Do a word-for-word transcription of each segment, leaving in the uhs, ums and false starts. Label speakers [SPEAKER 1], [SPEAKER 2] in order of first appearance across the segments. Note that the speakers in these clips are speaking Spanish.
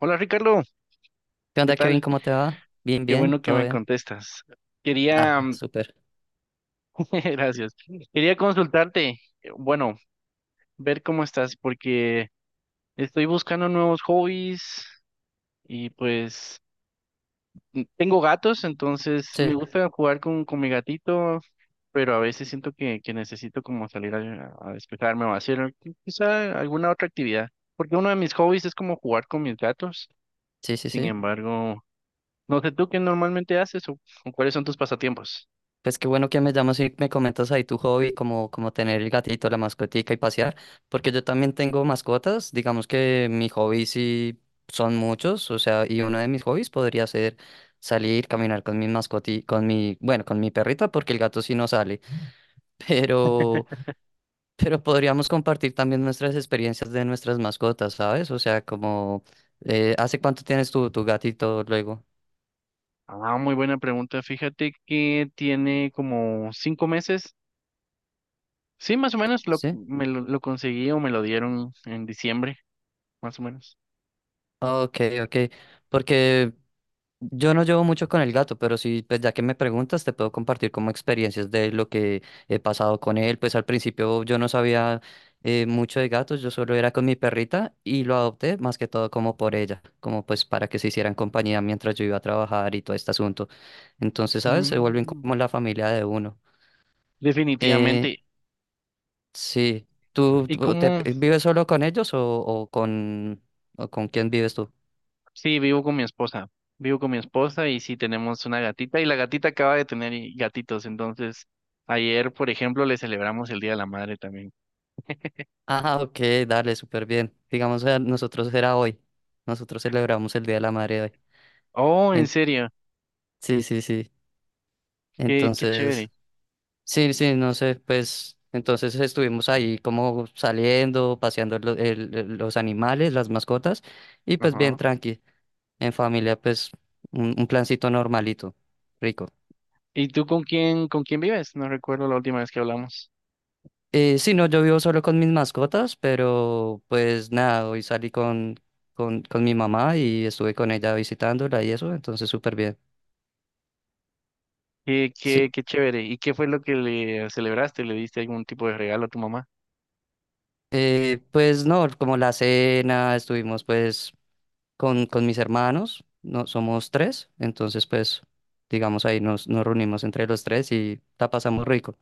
[SPEAKER 1] Hola Ricardo,
[SPEAKER 2] ¿Qué
[SPEAKER 1] ¿qué
[SPEAKER 2] onda, Kevin?
[SPEAKER 1] tal?
[SPEAKER 2] ¿Cómo te va? Bien,
[SPEAKER 1] Qué
[SPEAKER 2] bien,
[SPEAKER 1] bueno que
[SPEAKER 2] todo
[SPEAKER 1] me
[SPEAKER 2] bien.
[SPEAKER 1] contestas. Quería,
[SPEAKER 2] Ah,
[SPEAKER 1] mm,
[SPEAKER 2] súper.
[SPEAKER 1] gracias, quería consultarte, eh, bueno, ver cómo estás, porque estoy buscando nuevos hobbies y pues tengo gatos, entonces me
[SPEAKER 2] Sí,
[SPEAKER 1] gusta jugar con, con mi gatito, pero a veces siento que, que necesito como salir a, a despejarme o hacer quizá alguna otra actividad, porque uno de mis hobbies es como jugar con mis gatos.
[SPEAKER 2] sí, sí,
[SPEAKER 1] Sin
[SPEAKER 2] sí.
[SPEAKER 1] embargo, no sé tú qué normalmente haces o o cuáles son tus pasatiempos.
[SPEAKER 2] Pues qué bueno que me llamas y me comentas ahí tu hobby, como, como tener el gatito, la mascotica y pasear, porque yo también tengo mascotas, digamos que mis hobbies sí son muchos, o sea, y uno de mis hobbies podría ser salir, caminar con mi mascoti, con mi, bueno, con mi perrita, porque el gato sí no sale, pero. Pero podríamos compartir también nuestras experiencias de nuestras mascotas, ¿sabes? O sea, como, eh, ¿hace cuánto tienes tu, tu gatito luego?
[SPEAKER 1] Ah, muy buena pregunta. Fíjate que tiene como cinco meses. Sí, más o menos lo,
[SPEAKER 2] ¿Sí?
[SPEAKER 1] me lo, lo conseguí o me lo dieron en diciembre, más o menos.
[SPEAKER 2] Ok, ok. Porque yo no llevo mucho con el gato, pero sí, pues ya que me preguntas, te puedo compartir como experiencias de lo que he pasado con él. Pues al principio yo no sabía eh, mucho de gatos, yo solo era con mi perrita y lo adopté más que todo como por ella, como pues para que se hicieran compañía mientras yo iba a trabajar y todo este asunto. Entonces, ¿sabes? Se vuelven
[SPEAKER 1] Mm,
[SPEAKER 2] como la familia de uno. Eh,
[SPEAKER 1] definitivamente.
[SPEAKER 2] sí. ¿Tú,
[SPEAKER 1] Y
[SPEAKER 2] tú te-
[SPEAKER 1] cómo
[SPEAKER 2] eh, ¿vives solo con ellos o, o con, o con quién vives tú?
[SPEAKER 1] sí, vivo con mi esposa. Vivo con mi esposa y sí tenemos una gatita y la gatita acaba de tener i- gatitos. Entonces, ayer, por ejemplo, le celebramos el Día de la Madre también.
[SPEAKER 2] Ah, ok, dale, súper bien. Digamos, eh, nosotros era hoy. Nosotros celebramos el Día de la Madre hoy.
[SPEAKER 1] Oh, en
[SPEAKER 2] En-
[SPEAKER 1] serio.
[SPEAKER 2] Sí, sí, sí.
[SPEAKER 1] Qué, qué
[SPEAKER 2] Entonces,
[SPEAKER 1] chévere.
[SPEAKER 2] sí, sí, no sé, pues entonces estuvimos ahí como saliendo, paseando lo- el- el- los animales, las mascotas, y pues bien
[SPEAKER 1] Ajá.
[SPEAKER 2] tranqui. En familia, pues un, un plancito normalito, rico.
[SPEAKER 1] ¿Y tú con quién, con quién vives? No recuerdo la última vez que hablamos.
[SPEAKER 2] Eh, sí, no, yo vivo solo con mis mascotas, pero pues nada, hoy salí con, con, con mi mamá y estuve con ella visitándola y eso, entonces súper bien.
[SPEAKER 1] Qué,
[SPEAKER 2] Sí,
[SPEAKER 1] qué, qué chévere. ¿Y qué fue lo que le celebraste? ¿Le diste algún tipo de regalo a tu mamá?
[SPEAKER 2] eh, pues no, como la cena, estuvimos pues con, con mis hermanos, no, somos tres, entonces pues digamos ahí nos, nos reunimos entre los tres y la pasamos rico.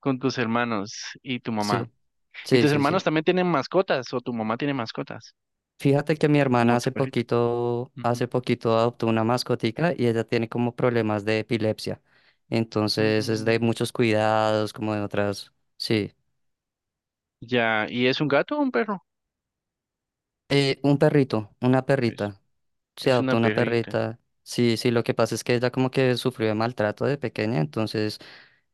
[SPEAKER 1] Con tus hermanos y tu mamá.
[SPEAKER 2] Sí,
[SPEAKER 1] ¿Y
[SPEAKER 2] sí,
[SPEAKER 1] tus
[SPEAKER 2] sí,
[SPEAKER 1] hermanos
[SPEAKER 2] sí.
[SPEAKER 1] también tienen mascotas o tu mamá tiene mascotas?
[SPEAKER 2] Fíjate que mi hermana
[SPEAKER 1] Como tu
[SPEAKER 2] hace
[SPEAKER 1] perrito.
[SPEAKER 2] poquito, hace
[SPEAKER 1] Ujú.
[SPEAKER 2] poquito adoptó una mascotica y ella tiene como problemas de epilepsia, entonces es de
[SPEAKER 1] Mm,
[SPEAKER 2] muchos cuidados, como de otras, sí.
[SPEAKER 1] Ya, ¿y es un gato o un perro?
[SPEAKER 2] Eh, un perrito, una
[SPEAKER 1] Es,
[SPEAKER 2] perrita. Se
[SPEAKER 1] es
[SPEAKER 2] adoptó
[SPEAKER 1] una
[SPEAKER 2] una
[SPEAKER 1] perrita.
[SPEAKER 2] perrita. Sí, sí, lo que pasa es que ella como que sufrió de maltrato de pequeña, entonces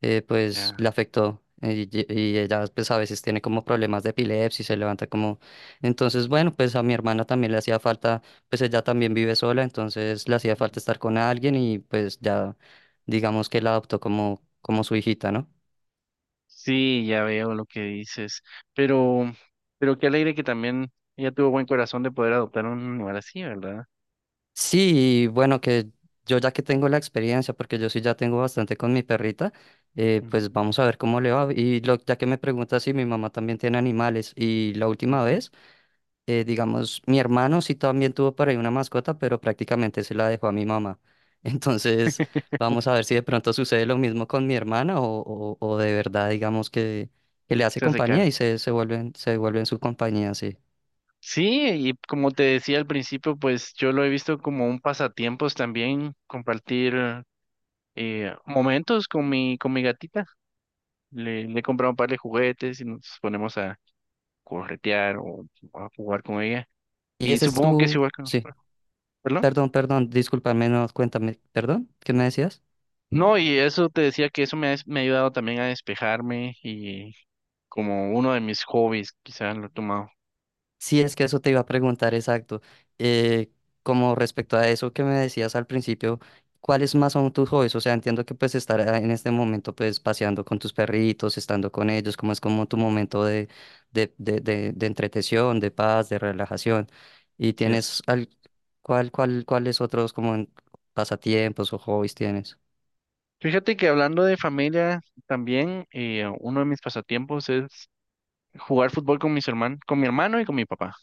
[SPEAKER 2] eh, pues
[SPEAKER 1] Ya.
[SPEAKER 2] le afectó, eh, y, y ella pues a veces tiene como problemas de epilepsia y se levanta como. Entonces bueno, pues a mi hermana también le hacía falta, pues ella también vive sola, entonces le hacía
[SPEAKER 1] Ujú.
[SPEAKER 2] falta estar con alguien y pues ya digamos que la adoptó como, como su hijita, ¿no?
[SPEAKER 1] Sí, ya veo lo que dices. Pero, pero qué alegre que también ella tuvo buen corazón de poder adoptar un animal así, ¿verdad?
[SPEAKER 2] Sí, y bueno, que yo ya que tengo la experiencia, porque yo sí ya tengo bastante con mi perrita, eh,
[SPEAKER 1] Ujú,
[SPEAKER 2] pues vamos a ver cómo le va. Y lo, ya que me pregunta si mi mamá también tiene animales, y la última
[SPEAKER 1] ujú.
[SPEAKER 2] vez, eh, digamos, mi hermano sí también tuvo por ahí una mascota, pero prácticamente se la dejó a mi mamá. Entonces, vamos a ver si de pronto sucede lo mismo con mi hermana o, o, o de verdad, digamos, que, que le hace
[SPEAKER 1] Se hace
[SPEAKER 2] compañía
[SPEAKER 1] cargo.
[SPEAKER 2] y se, se vuelven, se vuelven su compañía, sí.
[SPEAKER 1] Sí, y como te decía al principio, pues yo lo he visto como un pasatiempos también, compartir eh, momentos con mi, con mi gatita. Le, le he comprado un par de juguetes y nos ponemos a corretear o a jugar con ella.
[SPEAKER 2] Y
[SPEAKER 1] Y
[SPEAKER 2] ese es
[SPEAKER 1] supongo que es
[SPEAKER 2] tu,
[SPEAKER 1] igual que
[SPEAKER 2] sí.
[SPEAKER 1] nosotros, ¿verdad?
[SPEAKER 2] Perdón, perdón, discúlpame, no, cuéntame, perdón, ¿qué me decías?
[SPEAKER 1] No, y eso te decía que eso me ha, me ha ayudado también a despejarme y como uno de mis hobbies, quizás lo he tomado,
[SPEAKER 2] Sí, es que eso te iba a preguntar, exacto. Eh, Como respecto a eso que me decías al principio, ¿cuáles más son tus hobbies? O sea, entiendo que pues estar, ah, en este momento pues paseando con tus perritos, estando con ellos, como es como tu momento de, de, de, de, de entretención, de paz, de relajación. ¿Y
[SPEAKER 1] sí.
[SPEAKER 2] tienes al, cuál, cuál, cuáles otros como en- pasatiempos o hobbies tienes?
[SPEAKER 1] Fíjate que hablando de familia, también eh, uno de mis pasatiempos es jugar fútbol con mis hermanos, con mi hermano y con mi papá.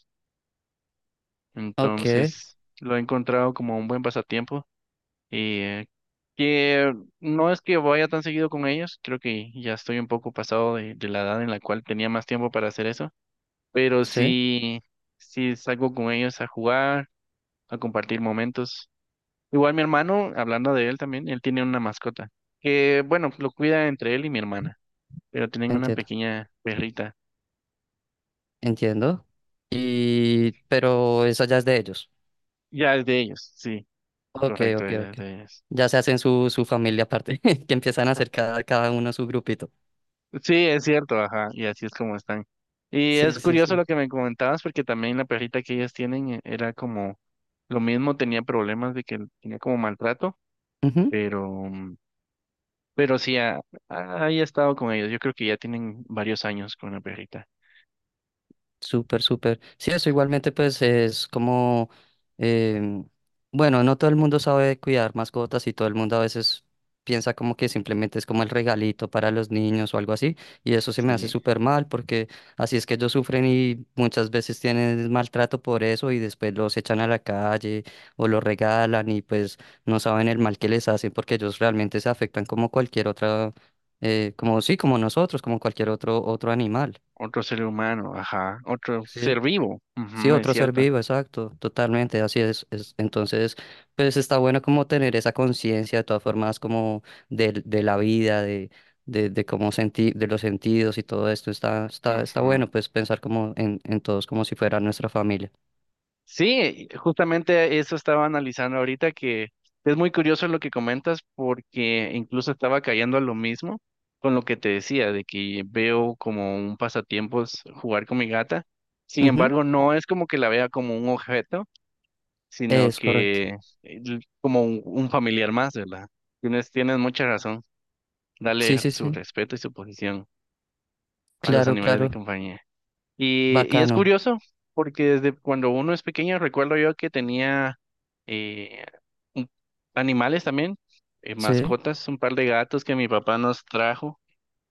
[SPEAKER 2] Ok,
[SPEAKER 1] Entonces, lo he encontrado como un buen pasatiempo y eh, que no es que vaya tan seguido con ellos, creo que ya estoy un poco pasado de, de la edad en la cual tenía más tiempo para hacer eso, pero
[SPEAKER 2] sí,
[SPEAKER 1] sí, sí salgo con ellos a jugar, a compartir momentos. Igual mi hermano, hablando de él también, él tiene una mascota que, bueno, lo cuida entre él y mi hermana, pero tienen una
[SPEAKER 2] entiendo.
[SPEAKER 1] pequeña perrita.
[SPEAKER 2] Entiendo. Y, pero eso ya es de ellos.
[SPEAKER 1] Ya es de ellos, sí,
[SPEAKER 2] Ok,
[SPEAKER 1] correcto,
[SPEAKER 2] ok,
[SPEAKER 1] ya es
[SPEAKER 2] ok.
[SPEAKER 1] de ellos.
[SPEAKER 2] Ya se hacen su, su familia aparte, que empiezan a hacer cada, cada uno su grupito.
[SPEAKER 1] Sí, es cierto, ajá, y así es como están. Y
[SPEAKER 2] Sí,
[SPEAKER 1] es
[SPEAKER 2] sí,
[SPEAKER 1] curioso lo
[SPEAKER 2] sí.
[SPEAKER 1] que me comentabas, porque también la perrita que ellas tienen eh, era como lo mismo, tenía problemas de que tenía como maltrato, pero, mm, pero sí, ha, ha- ahí he estado con ellos. Yo creo que ya tienen varios años con la perrita.
[SPEAKER 2] Súper, súper. Sí, eso igualmente pues es como, em, bueno, no todo el mundo sabe cuidar mascotas y todo el mundo a veces piensa como que simplemente es como el regalito para los niños o algo así y eso se me hace
[SPEAKER 1] Sí,
[SPEAKER 2] súper mal porque así es que ellos sufren y muchas veces tienen maltrato por eso y después los echan a la calle o los regalan y pues no saben el mal que les hacen porque ellos realmente se afectan como cualquier otra, eh, como sí, como nosotros, como cualquier otro, otro animal.
[SPEAKER 1] otro ser humano, ajá, otro
[SPEAKER 2] ¿Sí?
[SPEAKER 1] ser vivo,
[SPEAKER 2] Sí,
[SPEAKER 1] ujú, es
[SPEAKER 2] otro ser
[SPEAKER 1] cierto.
[SPEAKER 2] vivo, exacto, totalmente, así es, es- Entonces, pues está bueno como tener esa conciencia de todas formas como del- de, la vida, de, de, de cómo sentir, de los sentidos y todo esto, está, está, está
[SPEAKER 1] Ujú.
[SPEAKER 2] bueno pues pensar como en, en todos como si fuera nuestra familia.
[SPEAKER 1] Sí, justamente eso estaba analizando ahorita, que es muy curioso lo que comentas porque incluso estaba cayendo a lo mismo con lo que te decía, de que veo como un pasatiempos jugar con mi gata. Sin
[SPEAKER 2] Ujú.
[SPEAKER 1] embargo, no es como que la vea como un objeto, sino
[SPEAKER 2] Es correcto.
[SPEAKER 1] que el- como un, un familiar más, ¿verdad? Tienes, tienes mucha razón.
[SPEAKER 2] Sí,
[SPEAKER 1] Dale
[SPEAKER 2] sí,
[SPEAKER 1] su
[SPEAKER 2] sí.
[SPEAKER 1] respeto y su posición a los
[SPEAKER 2] Claro,
[SPEAKER 1] animales de
[SPEAKER 2] claro.
[SPEAKER 1] compañía. Y, y es
[SPEAKER 2] Bacano.
[SPEAKER 1] curioso, porque desde cuando uno es pequeño recuerdo yo que tenía eh, un- animales también, eh,
[SPEAKER 2] Sí.
[SPEAKER 1] mascotas, un par de gatos que mi papá nos trajo.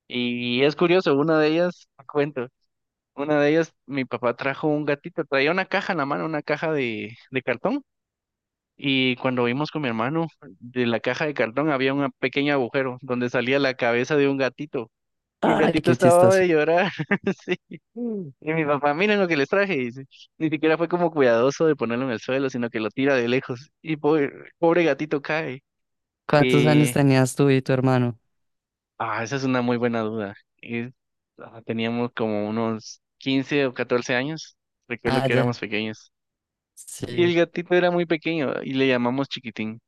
[SPEAKER 1] Y es curioso, una de ellas, te cuento, una de ellas, mi papá trajo un gatito, traía una caja en la mano, una caja de, de cartón. Y cuando vimos con mi hermano, de la caja de cartón había un pequeño agujero donde salía la cabeza de un gatito. Y el
[SPEAKER 2] Ay,
[SPEAKER 1] gatito
[SPEAKER 2] qué
[SPEAKER 1] estaba
[SPEAKER 2] chistoso.
[SPEAKER 1] de llorar. Sí. Y mi papá, miren lo que les traje. Dice. Ni siquiera fue como cuidadoso de ponerlo en el suelo, sino que lo tira de lejos. Y pobre, pobre gatito cae.
[SPEAKER 2] ¿Cuántos años
[SPEAKER 1] Y,
[SPEAKER 2] tenías tú y tu hermano?
[SPEAKER 1] ah, esa es una muy buena duda. Y, ah, teníamos como unos quince o catorce años. Recuerdo
[SPEAKER 2] Ah,
[SPEAKER 1] que
[SPEAKER 2] ya.
[SPEAKER 1] éramos pequeños. Y el
[SPEAKER 2] Sí.
[SPEAKER 1] gatito era muy pequeño y le llamamos Chiquitín.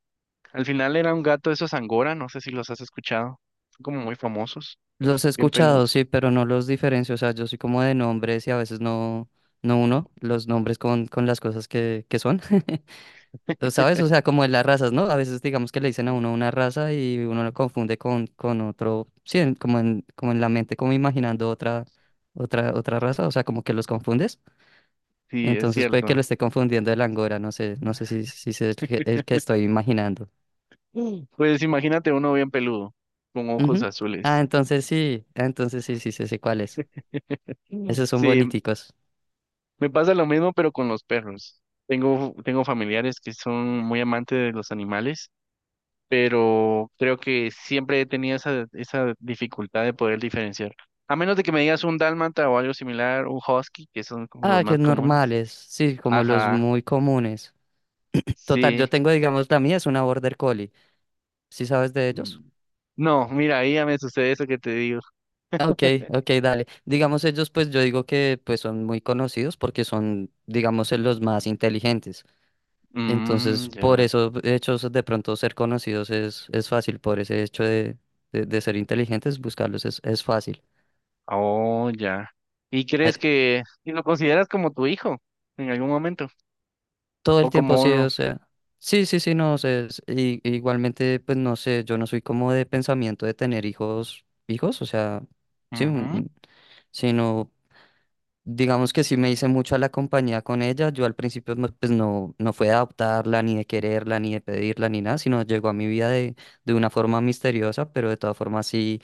[SPEAKER 1] Al final era un gato de esos Angora, no sé si los has escuchado. Son como muy famosos,
[SPEAKER 2] Los he
[SPEAKER 1] bien
[SPEAKER 2] escuchado,
[SPEAKER 1] peludos.
[SPEAKER 2] sí, pero no los diferencio. O sea, yo soy como de nombres y a veces no, no uno los nombres con, con las cosas que, que son. ¿Lo sabes? O sea, como en las razas, ¿no? A veces digamos que le dicen a uno una raza y uno lo confunde con, con otro, sí, en- como en, como en la mente, como imaginando otra, otra, otra raza, o sea, como que los confundes.
[SPEAKER 1] Sí, es
[SPEAKER 2] Entonces puede que lo
[SPEAKER 1] cierto.
[SPEAKER 2] esté confundiendo el angora, no sé, no sé si, si es el que, el que estoy imaginando.
[SPEAKER 1] Mm. Pues imagínate uno bien peludo, con ojos
[SPEAKER 2] Ujú. Ah,
[SPEAKER 1] azules.
[SPEAKER 2] entonces sí, ah, entonces sí, sí, sí, sé cuál es.
[SPEAKER 1] Mm.
[SPEAKER 2] Esos son
[SPEAKER 1] Sí,
[SPEAKER 2] boniticos.
[SPEAKER 1] me pasa lo mismo, pero con los perros. Tengo, tengo familiares que son muy amantes de los animales, pero creo que siempre he tenido esa, esa dificultad de poder diferenciar. A menos de que me digas un dálmata o algo similar, un husky, que son como los
[SPEAKER 2] Ah, que
[SPEAKER 1] más comunes.
[SPEAKER 2] normales, sí, como los
[SPEAKER 1] Ajá,
[SPEAKER 2] muy comunes. Total,
[SPEAKER 1] sí.
[SPEAKER 2] yo tengo, digamos, la mía es una Border Collie. ¿Sí sabes de ellos?
[SPEAKER 1] Mm. No, mira, ahí ya me sucede eso que te digo.
[SPEAKER 2] Ah, ok, ok, dale. Digamos, ellos, pues yo digo que pues son muy conocidos porque son, digamos, eh, los más inteligentes. Entonces,
[SPEAKER 1] Mm,
[SPEAKER 2] por
[SPEAKER 1] ya.
[SPEAKER 2] eso, hechos de pronto ser conocidos es, es fácil, por ese hecho de, de, de ser inteligentes, buscarlos es, es fácil.
[SPEAKER 1] Oh, ya. ¿Y crees que y lo consideras como tu hijo en algún momento?
[SPEAKER 2] Todo
[SPEAKER 1] ¿O
[SPEAKER 2] el
[SPEAKER 1] como
[SPEAKER 2] tiempo, sí,
[SPEAKER 1] uno?
[SPEAKER 2] o sea. Sí, sí, sí, no sé. Es- y- igualmente, pues no sé, yo no soy como de pensamiento de tener hijos, hijos, o sea, sí, un-
[SPEAKER 1] Ujú,
[SPEAKER 2] un- sino, digamos que sí me hice mucho a la compañía con ella. Yo al principio, no, pues no, no fue de adoptarla, ni de quererla, ni de pedirla, ni nada, sino llegó a mi vida de, de una forma misteriosa, pero de todas formas sí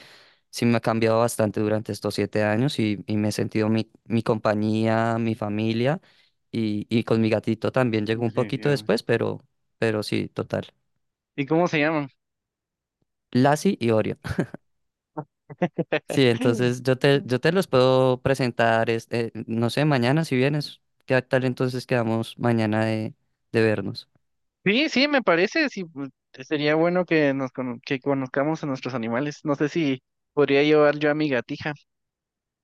[SPEAKER 2] sí me ha cambiado bastante durante estos siete años y, y me he sentido mi, mi compañía, mi familia y, y con mi gatito también llegó un poquito
[SPEAKER 1] definitivamente.
[SPEAKER 2] después, pero, pero sí, total.
[SPEAKER 1] ¿Y cómo se llaman?
[SPEAKER 2] Lassie y Orion. Sí, entonces yo te, yo te los puedo presentar, este, no sé, mañana si vienes. ¿Qué tal entonces quedamos mañana de, de vernos?
[SPEAKER 1] Sí, sí, me parece. Sí, pues, sería bueno que nos cono- que conozcamos a nuestros animales. No sé si podría llevar yo a mi gatija.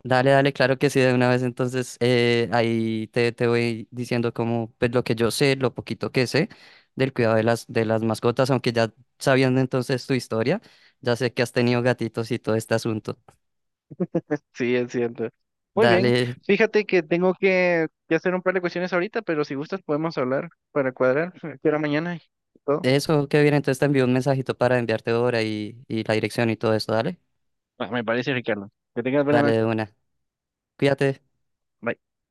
[SPEAKER 2] Dale, dale, claro que sí, de una vez. Entonces, eh, ahí te, te voy diciendo como, pues, lo que yo sé, lo poquito que sé del cuidado de las, de las mascotas, aunque ya sabiendo entonces tu historia, ya sé que has tenido gatitos y todo este asunto.
[SPEAKER 1] Sí, es cierto. Muy bien.
[SPEAKER 2] Dale,
[SPEAKER 1] Fíjate que tengo que, que hacer un par de cuestiones ahorita, pero si gustas podemos hablar para cuadrar. ¿A ¿Qué hora mañana? Y todo.
[SPEAKER 2] eso que viene, entonces te envío un mensajito para enviarte ahora y, y la dirección y todo eso, dale.
[SPEAKER 1] Ah, me parece, Ricardo. Que tengas buena
[SPEAKER 2] Dale
[SPEAKER 1] noche.
[SPEAKER 2] de una. Cuídate.
[SPEAKER 1] Bye.